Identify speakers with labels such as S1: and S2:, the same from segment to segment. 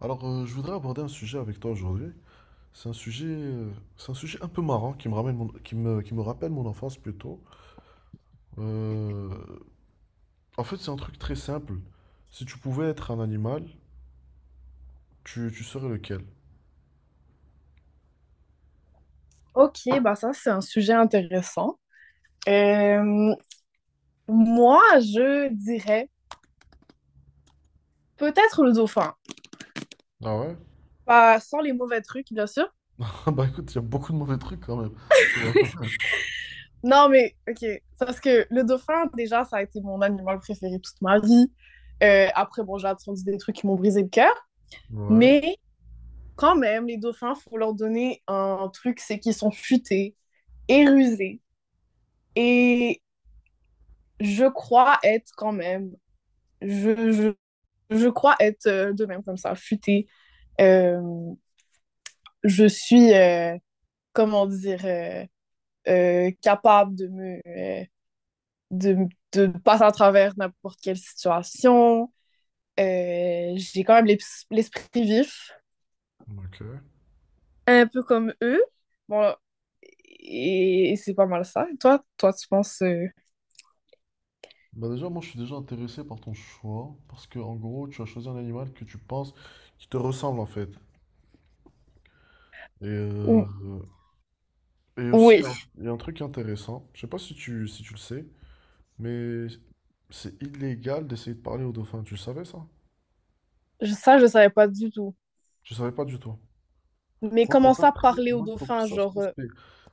S1: Alors, je voudrais aborder un sujet avec toi aujourd'hui. C'est un sujet, euh, c'est un sujet un peu marrant qui me ramène qui me rappelle mon enfance plutôt. Euh, En fait, c'est un truc très simple. Si tu pouvais être un animal, tu serais lequel?
S2: OK, bah ça, c'est un sujet intéressant. Euh, Moi, je dirais peut-être le dauphin.
S1: Ah ouais?
S2: Pas sans les mauvais trucs, bien sûr.
S1: Bah écoute, il y a beaucoup de mauvais trucs quand même. Ouais,
S2: Non, mais OK. Parce que le dauphin, déjà, ça a été mon animal préféré toute ma vie. Après, bon, j'ai entendu des trucs qui m'ont brisé le cœur.
S1: ouais,
S2: Mais quand même, les dauphins, faut leur donner un truc, c'est qu'ils sont futés et rusés. Et je crois être quand même, je, je, je crois être de même comme ça, futés. Euh, je suis, comment dire, capable de me, euh, de, de passer à travers n'importe quelle situation. J'ai quand même l'esprit vif,
S1: ok.
S2: un peu comme eux. Bon, et c'est pas mal ça. Et toi, toi, tu penses...
S1: Bah déjà, moi, je suis déjà intéressé par ton choix parce que, en gros, tu as choisi un animal que tu penses qui te ressemble en fait. Et, euh,
S2: ou-
S1: et aussi, il y
S2: Oui.
S1: a un, il y a un truc intéressant. Je sais pas si tu le sais. Mais c'est illégal d'essayer de parler au dauphin. Tu le savais, ça?
S2: Ça, je savais pas du tout.
S1: Je savais pas du tout.
S2: Mais comment ça, parler aux
S1: Moi, je trouve
S2: dauphins,
S1: ça
S2: genre...
S1: suspect.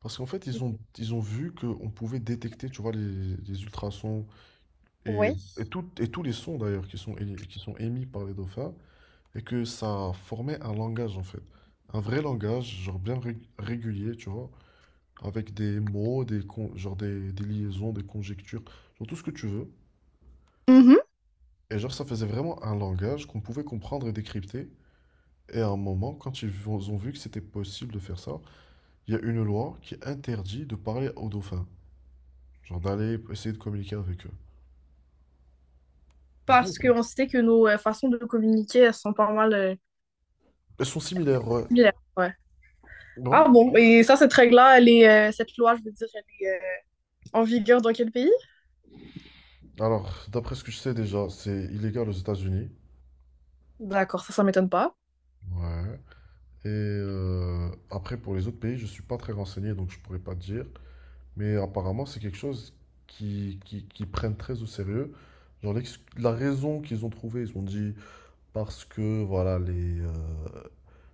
S1: Parce qu'en fait, ils ont vu qu'on pouvait détecter, tu vois, les ultrasons et,
S2: Oui.
S1: et tous les sons d'ailleurs qui sont émis par les dauphins, et que ça formait un langage en fait. Un vrai langage, genre bien régulier, tu vois, avec des mots, genre des liaisons, des conjectures, genre tout ce que tu veux.
S2: Mhm.
S1: Et genre, ça faisait vraiment un langage qu'on pouvait comprendre et décrypter. Et à un moment, quand ils ont vu que c'était possible de faire ça, il y a une loi qui interdit de parler aux dauphins. Genre, d'aller essayer de communiquer avec eux. Du coup,
S2: Parce qu'on sait que nos façons de communiquer, elles sont pas mal
S1: elles sont similaires, ouais.
S2: similaires. Ouais.
S1: Ouais.
S2: Ah bon, et ça, cette règle-là, cette loi, je veux dire, elle est en vigueur dans quel pays?
S1: Alors, d'après ce que je sais déjà, c'est illégal aux États-Unis.
S2: D'accord, ça m'étonne pas.
S1: Ouais. Et après, pour les autres pays, je suis pas très renseigné, donc je pourrais pas te dire. Mais apparemment, c'est quelque chose qui prennent très au sérieux. Genre, la raison qu'ils ont trouvée, ils ont dit, parce que voilà,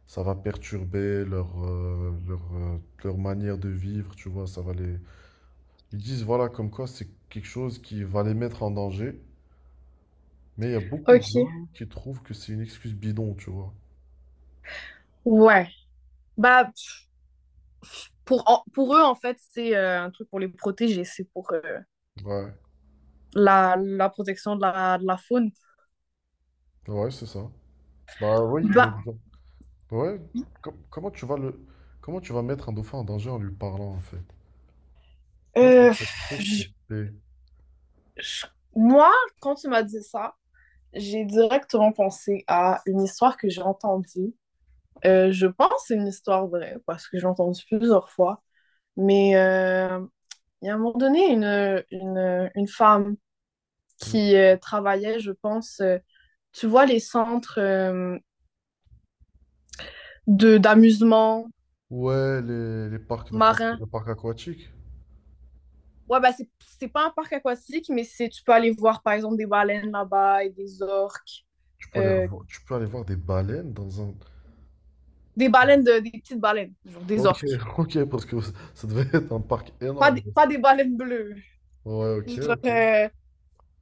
S1: ça va perturber leur manière de vivre, tu vois, ça va les... Ils disent, voilà, comme quoi c'est quelque chose qui va les mettre en danger, mais il y a beaucoup de
S2: Ok.
S1: gens qui trouvent que c'est une excuse bidon, tu vois.
S2: Ouais. Bah, pour eux, en fait, c'est un truc pour les protéger, c'est pour
S1: Ouais,
S2: la, la protection de de la faune.
S1: ouais, c'est ça. Bah oui, mais...
S2: Bah,
S1: bon, ouais, com- comment tu vas le... comment tu vas mettre un dauphin en danger en lui parlant, en fait? Moi, je trouve
S2: euh,
S1: ça très suspect.
S2: je- moi, quand tu m'as dit ça, j'ai directement pensé à une histoire que j'ai entendue. Je pense que c'est une histoire vraie parce que j'ai entendu plusieurs fois. Mais il y a un moment donné, une femme
S1: Mm.
S2: qui travaillait, je pense, tu vois, les centres de d'amusement
S1: Ouais, les parcs d'attractions,
S2: marin.
S1: les parcs aquatiques,
S2: Ouais, bah c'est pas un parc aquatique, mais c'est tu peux aller voir, par exemple, des baleines là-bas et des orques.
S1: tu peux aller,
S2: Euh,
S1: revo- tu peux aller voir des baleines dans un...
S2: des baleines, des petites baleines, genre des
S1: Ok,
S2: orques.
S1: ok, parce que ça devait être un parc
S2: Pas
S1: énorme.
S2: des, pas des baleines bleues.
S1: Ouais, ok,
S2: Genre,
S1: ok.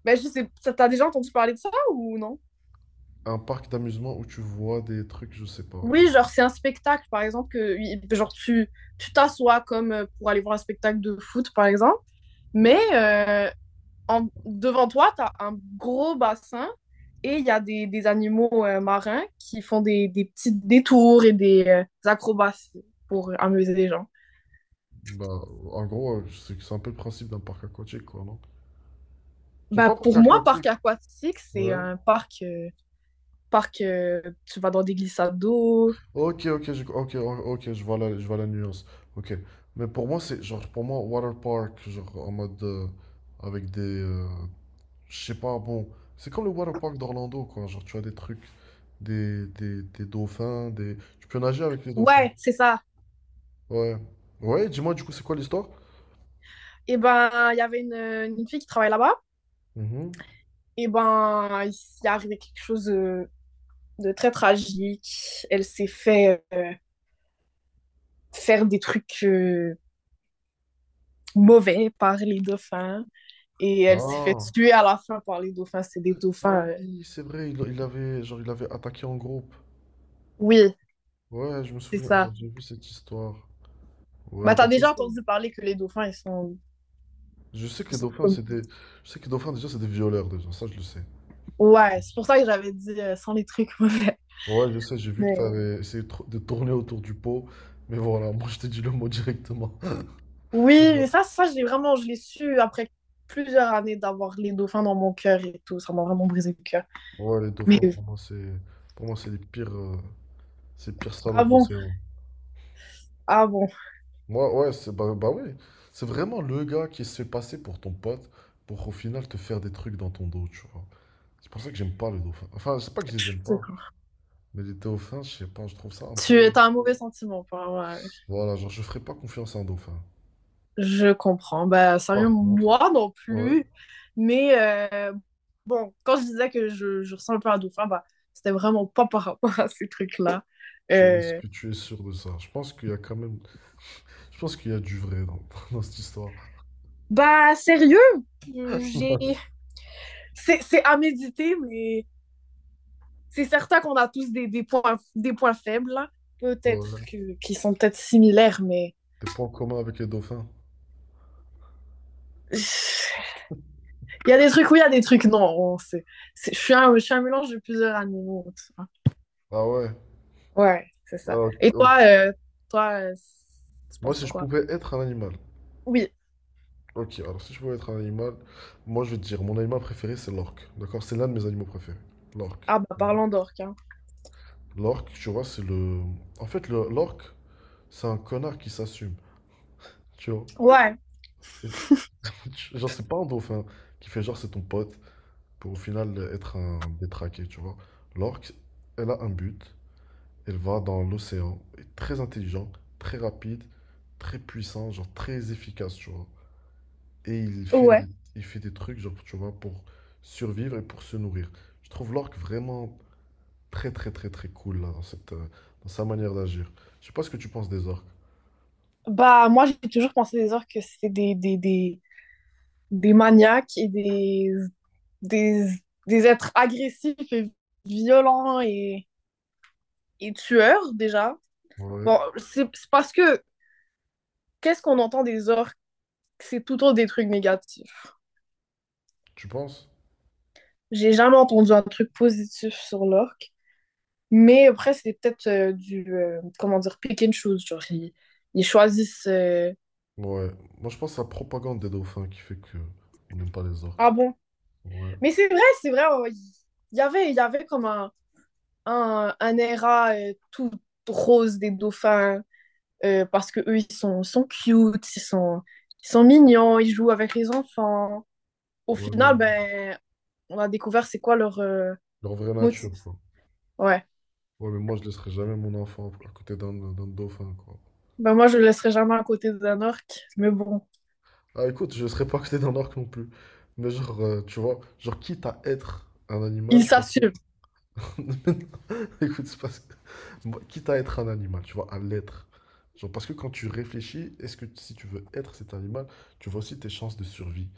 S2: ben, je sais, t'as déjà entendu parler de ça ou non?
S1: Un parc d'amusement où tu vois des trucs, je sais pas,
S2: Oui, genre, c'est un spectacle, par exemple, que oui, genre, tu t'assois comme pour aller voir un spectacle de foot, par exemple, mais
S1: Ouais,
S2: devant toi, t'as un gros bassin et il y a des animaux marins qui font des petits détours et des acrobaties pour amuser les gens.
S1: bah, en gros, c'est un peu le principe d'un parc aquatique, quoi, non? Genre,
S2: Bah,
S1: pas parc
S2: pour moi,
S1: aquatique.
S2: parc aquatique, c'est
S1: Ouais.
S2: un parc, parc tu vas dans des glissades d'eau.
S1: Ok, ok, je vois la nuance. Ok. Mais pour moi, c'est genre, pour moi, water park, genre en mode avec des, je sais pas, bon. C'est comme le water park d'Orlando, quoi. Genre, tu as des trucs, des dauphins, des. Tu peux nager avec les dauphins.
S2: Ouais, c'est ça.
S1: Ouais. Ouais, dis-moi du coup, c'est quoi l'histoire?
S2: Et ben, il y avait une fille qui travaille là-bas.
S1: Mhm.
S2: Et ben, il s'est arrivé quelque chose de très tragique. Elle s'est fait faire des trucs mauvais par les dauphins. Et elle s'est fait
S1: Ah.
S2: tuer à la fin par les dauphins. C'est des
S1: Ah
S2: dauphins.
S1: oui, c'est vrai, il avait genre, il avait attaqué en groupe.
S2: Oui,
S1: Ouais, je me
S2: c'est
S1: souviens, genre
S2: ça.
S1: j'ai vu cette histoire.
S2: Bah,
S1: Ouais, bah
S2: t'as
S1: c'est
S2: déjà
S1: ça.
S2: entendu parler que les dauphins,
S1: Je sais que
S2: ils
S1: les
S2: sont
S1: dauphins,
S2: comme.
S1: c'est des. Je sais que les dauphins, déjà, c'est des violeurs, déjà, ça je le sais.
S2: Ouais, c'est pour ça que j'avais dit sans les trucs mauvais.
S1: Ouais, je sais, j'ai vu que
S2: Mais
S1: t'avais essayé de de tourner autour du pot, mais voilà, moi je t'ai dit le mot directement.
S2: oui, mais ça, ça, je l'ai vraiment, je l'ai su après plusieurs années d'avoir les dauphins dans mon cœur et tout. Ça m'a vraiment brisé le cœur.
S1: Ouais, les
S2: Mais
S1: dauphins, pour moi, c'est. Pour moi, c'est les pires. C'est les pires salauds
S2: ah
S1: de
S2: bon,
S1: l'océan.
S2: ah bon.
S1: Moi, ouais, c'est bah, bah ouais. C'est vraiment le gars qui se fait passer pour ton pote pour, au final, te faire des trucs dans ton dos, tu vois. C'est pour ça que j'aime pas les dauphins. Enfin, c'est pas que je les aime
S2: Je
S1: pas,
S2: comprends.
S1: mais les dauphins, je sais pas, je trouve ça un
S2: Tu
S1: peu.
S2: as un mauvais sentiment. Ouais,
S1: Voilà, genre, je ferais pas confiance à un dauphin.
S2: je comprends. Ben, sérieux,
S1: Par contre,
S2: moi non
S1: ouais,
S2: plus. Mais bon, quand je disais que je ressens un peu un dauphin, bah, c'était vraiment pas par rapport à ces trucs-là.
S1: tu es- est-ce
S2: Euh,
S1: que tu es sûr de ça? Je pense qu'il y a quand même. Je pense qu'il y a du vrai dans, dans cette histoire.
S2: Bah, sérieux, j'ai... C'est à méditer, mais c'est certain qu'on a tous des points faibles, là. Peut-être
S1: Ouais.
S2: que, qui sont peut-être similaires, mais
S1: Des points communs avec les dauphins.
S2: il y a des trucs oui, il y a des trucs non. Suis un, je suis un mélange de plusieurs animaux. Tu vois.
S1: Ah ouais.
S2: Ouais, c'est ça.
S1: Alors,
S2: Et toi, toi, euh, tu
S1: moi,
S2: penses
S1: si je
S2: quoi?
S1: pouvais être un animal,
S2: Oui,
S1: ok, alors si je pouvais être un animal, moi je vais te dire, mon animal préféré c'est l'orque. D'accord? C'est l'un de mes animaux préférés. L'orque.
S2: ah bah
S1: Mhm.
S2: parlons d'orques. Hein.
S1: L'orque, tu vois, c'est le. En fait, l'orque, c'est un connard qui s'assume. Tu vois?
S2: Ouais,
S1: Genre, c'est pas un dauphin qui fait genre c'est ton pote pour au final être un détraqué, tu vois? L'orque, elle a un but. Elle va dans l'océan. Elle est très intelligent, très rapide, très puissant, genre très efficace, tu vois? Et il fait des,
S2: ouais.
S1: il fait des trucs, genre, tu vois, pour survivre et pour se nourrir. Je trouve l'orque vraiment très, très, très, très cool, là, dans cette, dans sa manière d'agir. Je sais pas ce que tu penses des orques.
S2: Bah moi, j'ai toujours pensé des orques que c'est des maniaques et des, des êtres agressifs et violents et tueurs déjà.
S1: Ouais.
S2: Bon, c'est parce que qu'est-ce qu'on entend des orques? C'est tout autre des trucs négatifs.
S1: Tu penses?
S2: J'ai jamais entendu un truc positif sur l'orque. Mais après, c'est peut-être comment dire, pick and choose. Genre, ils choisissent. Euh,
S1: Ouais. Moi, je pense à la propagande des dauphins qui fait que on n'aime pas les
S2: ah
S1: orques.
S2: bon?
S1: Ouais.
S2: Mais c'est vrai, c'est vrai. Euh, il y avait, il y avait comme un era tout rose des dauphins parce que eux, sont cute, ils sont mignons, ils jouent avec les enfants. Au
S1: Ouais,
S2: final,
S1: non,
S2: ben, on a découvert c'est quoi leur
S1: leur vraie
S2: motif.
S1: nature, quoi.
S2: Ouais.
S1: Ouais, mais moi, je laisserai jamais mon enfant à côté d'un d'un dauphin, quoi.
S2: Ben moi, je le laisserai jamais à côté d'un orque, mais bon,
S1: Ah, écoute, je laisserai pas à côté d'un orque non plus. Mais genre, tu vois, genre, quitte à être un animal,
S2: il
S1: je préfère...
S2: s'assume.
S1: Écoute, moi, quitte à être un animal, tu vois, à l'être. Genre, parce que quand tu réfléchis, est-ce que, si tu veux être cet animal, tu vois aussi tes chances de survie.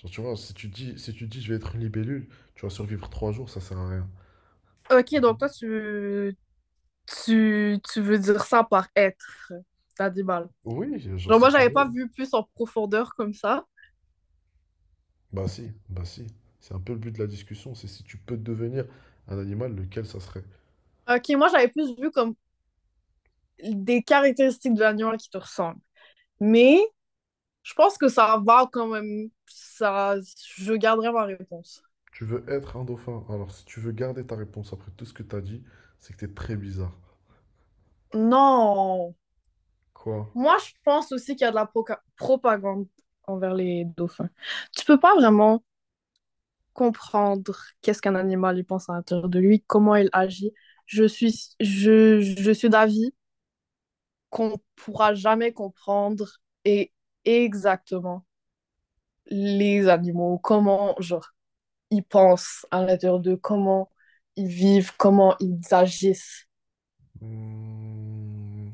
S1: Genre, tu vois, si tu dis je vais être une libellule, tu vas survivre 3 jours, ça sert à rien.
S2: Ok, donc toi, tu veux dire ça par être l'animal.
S1: Oui, genre,
S2: Genre,
S1: si
S2: moi,
S1: tu
S2: j'avais pas
S1: veux.
S2: vu plus en profondeur comme ça.
S1: Bah si, bah si. C'est un peu le but de la discussion, c'est si tu peux devenir un animal, lequel ça serait.
S2: Ok, moi, j'avais plus vu comme des caractéristiques de l'animal qui te ressemblent. Mais je pense que ça va quand même. Ça, je garderai ma réponse.
S1: Tu veux être un dauphin. Alors, si tu veux garder ta réponse après tout ce que t'as dit, c'est que t'es très bizarre.
S2: Non.
S1: Quoi?
S2: Moi, je pense aussi qu'il y a de la propagande envers les dauphins. Tu peux pas vraiment comprendre qu'est-ce qu'un animal il pense à l'intérieur de lui, comment il agit. Je suis d'avis qu'on ne pourra jamais comprendre et exactement les animaux, comment genre, ils pensent à l'intérieur d'eux, comment ils vivent, comment ils agissent.
S1: Hmm,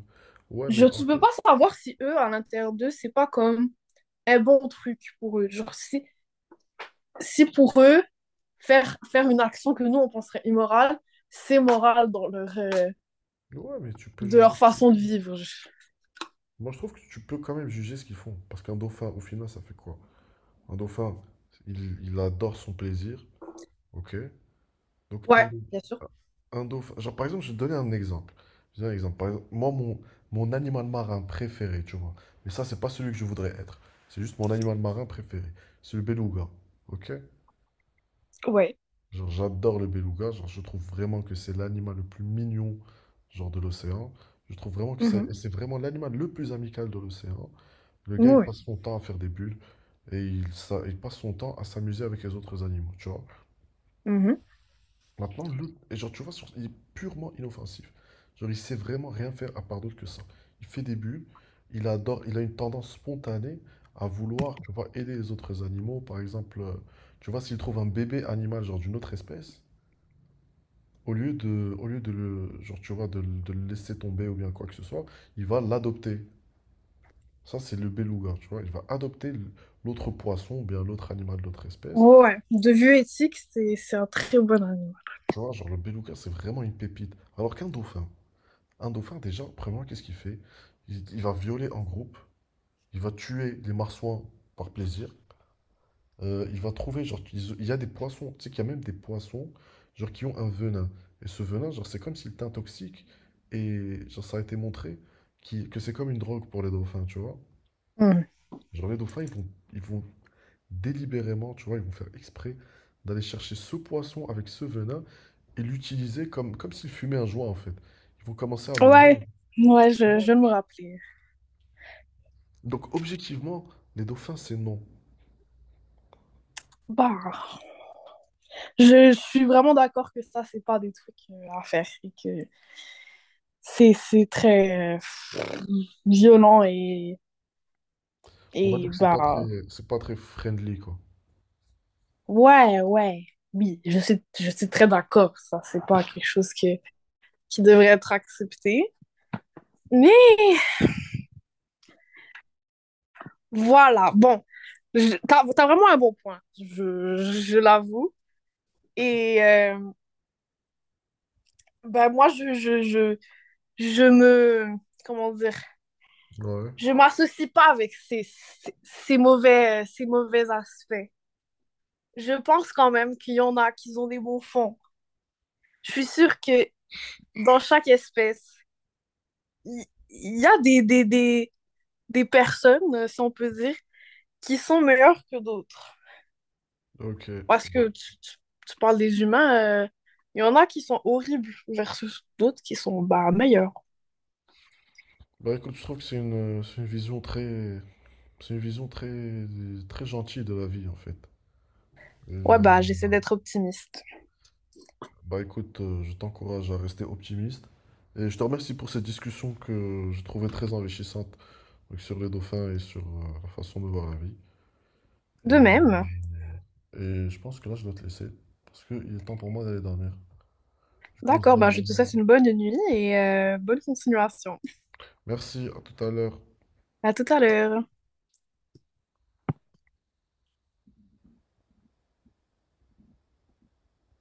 S1: Ouais, mais
S2: Je
S1: en
S2: ne peux
S1: fait.
S2: pas savoir si eux, à l'intérieur d'eux, c'est pas comme un bon truc pour eux. Genre, si, si pour eux, faire une action que nous, on penserait immorale, c'est moral dans
S1: Ouais, mais tu peux
S2: de leur
S1: juger.
S2: façon de vivre.
S1: Moi, je trouve que tu peux quand même juger ce qu'ils font. Parce qu'un dauphin, au final, ça fait quoi? Un dauphin, il adore son plaisir. Ok? Donc,
S2: Ouais, bien sûr.
S1: un dauphin. Genre, par exemple, je vais te donner un exemple. Je vais te donner un exemple. Par exemple, moi, mon animal marin préféré, tu vois. Mais ça, c'est pas celui que je voudrais être. C'est juste mon animal marin préféré. C'est le beluga. Ok?
S2: Ouais.
S1: Genre, j'adore le beluga. Genre, je trouve vraiment que c'est l'animal le plus mignon, genre, de l'océan. Je trouve vraiment que c'est vraiment l'animal le plus amical de l'océan. Le gars, il
S2: Ouais.
S1: passe son temps à faire des bulles, et il passe son temps à s'amuser avec les autres animaux, tu vois. Maintenant, le, et genre, tu vois, il est purement inoffensif. Genre, il sait vraiment rien faire à part d'autre que ça. Il fait des bulles, il adore, il a une tendance spontanée à vouloir, tu vois, aider les autres animaux. Par exemple, tu vois, s'il trouve un bébé animal, genre d'une autre espèce, au lieu de le, genre, tu vois, de le laisser tomber ou bien quoi que ce soit, il va l'adopter. Ça, c'est le beluga, tu vois. Il va adopter l'autre poisson ou bien l'autre animal de l'autre espèce.
S2: Ouais. De vue éthique, c'est un très bon animal.
S1: Tu vois, genre le beluga, c'est vraiment une pépite. Alors qu'un dauphin, déjà, premièrement, qu'est-ce qu'il fait? Il va violer en groupe, il va tuer les marsouins par plaisir. Il va trouver, genre, il y a des poissons, tu sais qu'il y a même des poissons, genre, qui ont un venin. Et ce venin, genre, c'est comme s'il était toxique. Et, genre, ça a été montré que c'est comme une drogue pour les dauphins, tu vois.
S2: Mm.
S1: Genre, les dauphins, ils vont délibérément, tu vois, ils vont faire exprès d'aller chercher ce poisson avec ce venin et l'utiliser comme s'il fumait un joint, en fait. Ils vont commencer à le mordre,
S2: Ouais. Ouais,
S1: tu vois.
S2: je me rappeler.
S1: Donc, objectivement, les dauphins, c'est non.
S2: Bah, je suis vraiment d'accord que ça, c'est pas des trucs à faire et que c'est très violent
S1: On va dire
S2: et
S1: que c'est pas
S2: bah,
S1: très, c'est pas très friendly, quoi.
S2: ouais, ouais. Oui, je suis très d'accord. Ça, c'est pas quelque chose que, qui devrait être accepté. Mais voilà, bon, t'as, t'as vraiment un bon point, je l'avoue. Et ben moi, je me, comment dire,
S1: Ouais,
S2: je m'associe pas avec ces, ces, ces mauvais aspects. Je pense quand même qu'il y en a qui ont des bons fonds. Je suis sûre que dans chaque espèce, il a des personnes, si on peut dire, qui sont meilleures que d'autres.
S1: ok. Ouais.
S2: Parce que tu parles des humains, il y en a qui sont horribles versus d'autres qui sont bah, meilleurs.
S1: Bah écoute, je trouve que c'est une vision très, très gentille de la vie, en fait. Et,
S2: Ouais,
S1: euh,
S2: bah, j'essaie d'être optimiste.
S1: Bah écoute, je t'encourage à rester optimiste. Et je te remercie pour cette discussion que je trouvais très enrichissante, donc sur les dauphins et sur la façon de voir la vie.
S2: De
S1: Et,
S2: même.
S1: et je pense que là, je dois te laisser parce qu'il est temps pour moi d'aller dormir. Du coup, on se
S2: D'accord,
S1: dit à-
S2: bah, je te souhaite une bonne nuit et bonne continuation.
S1: Merci, à tout à l'heure.
S2: À tout à l'heure.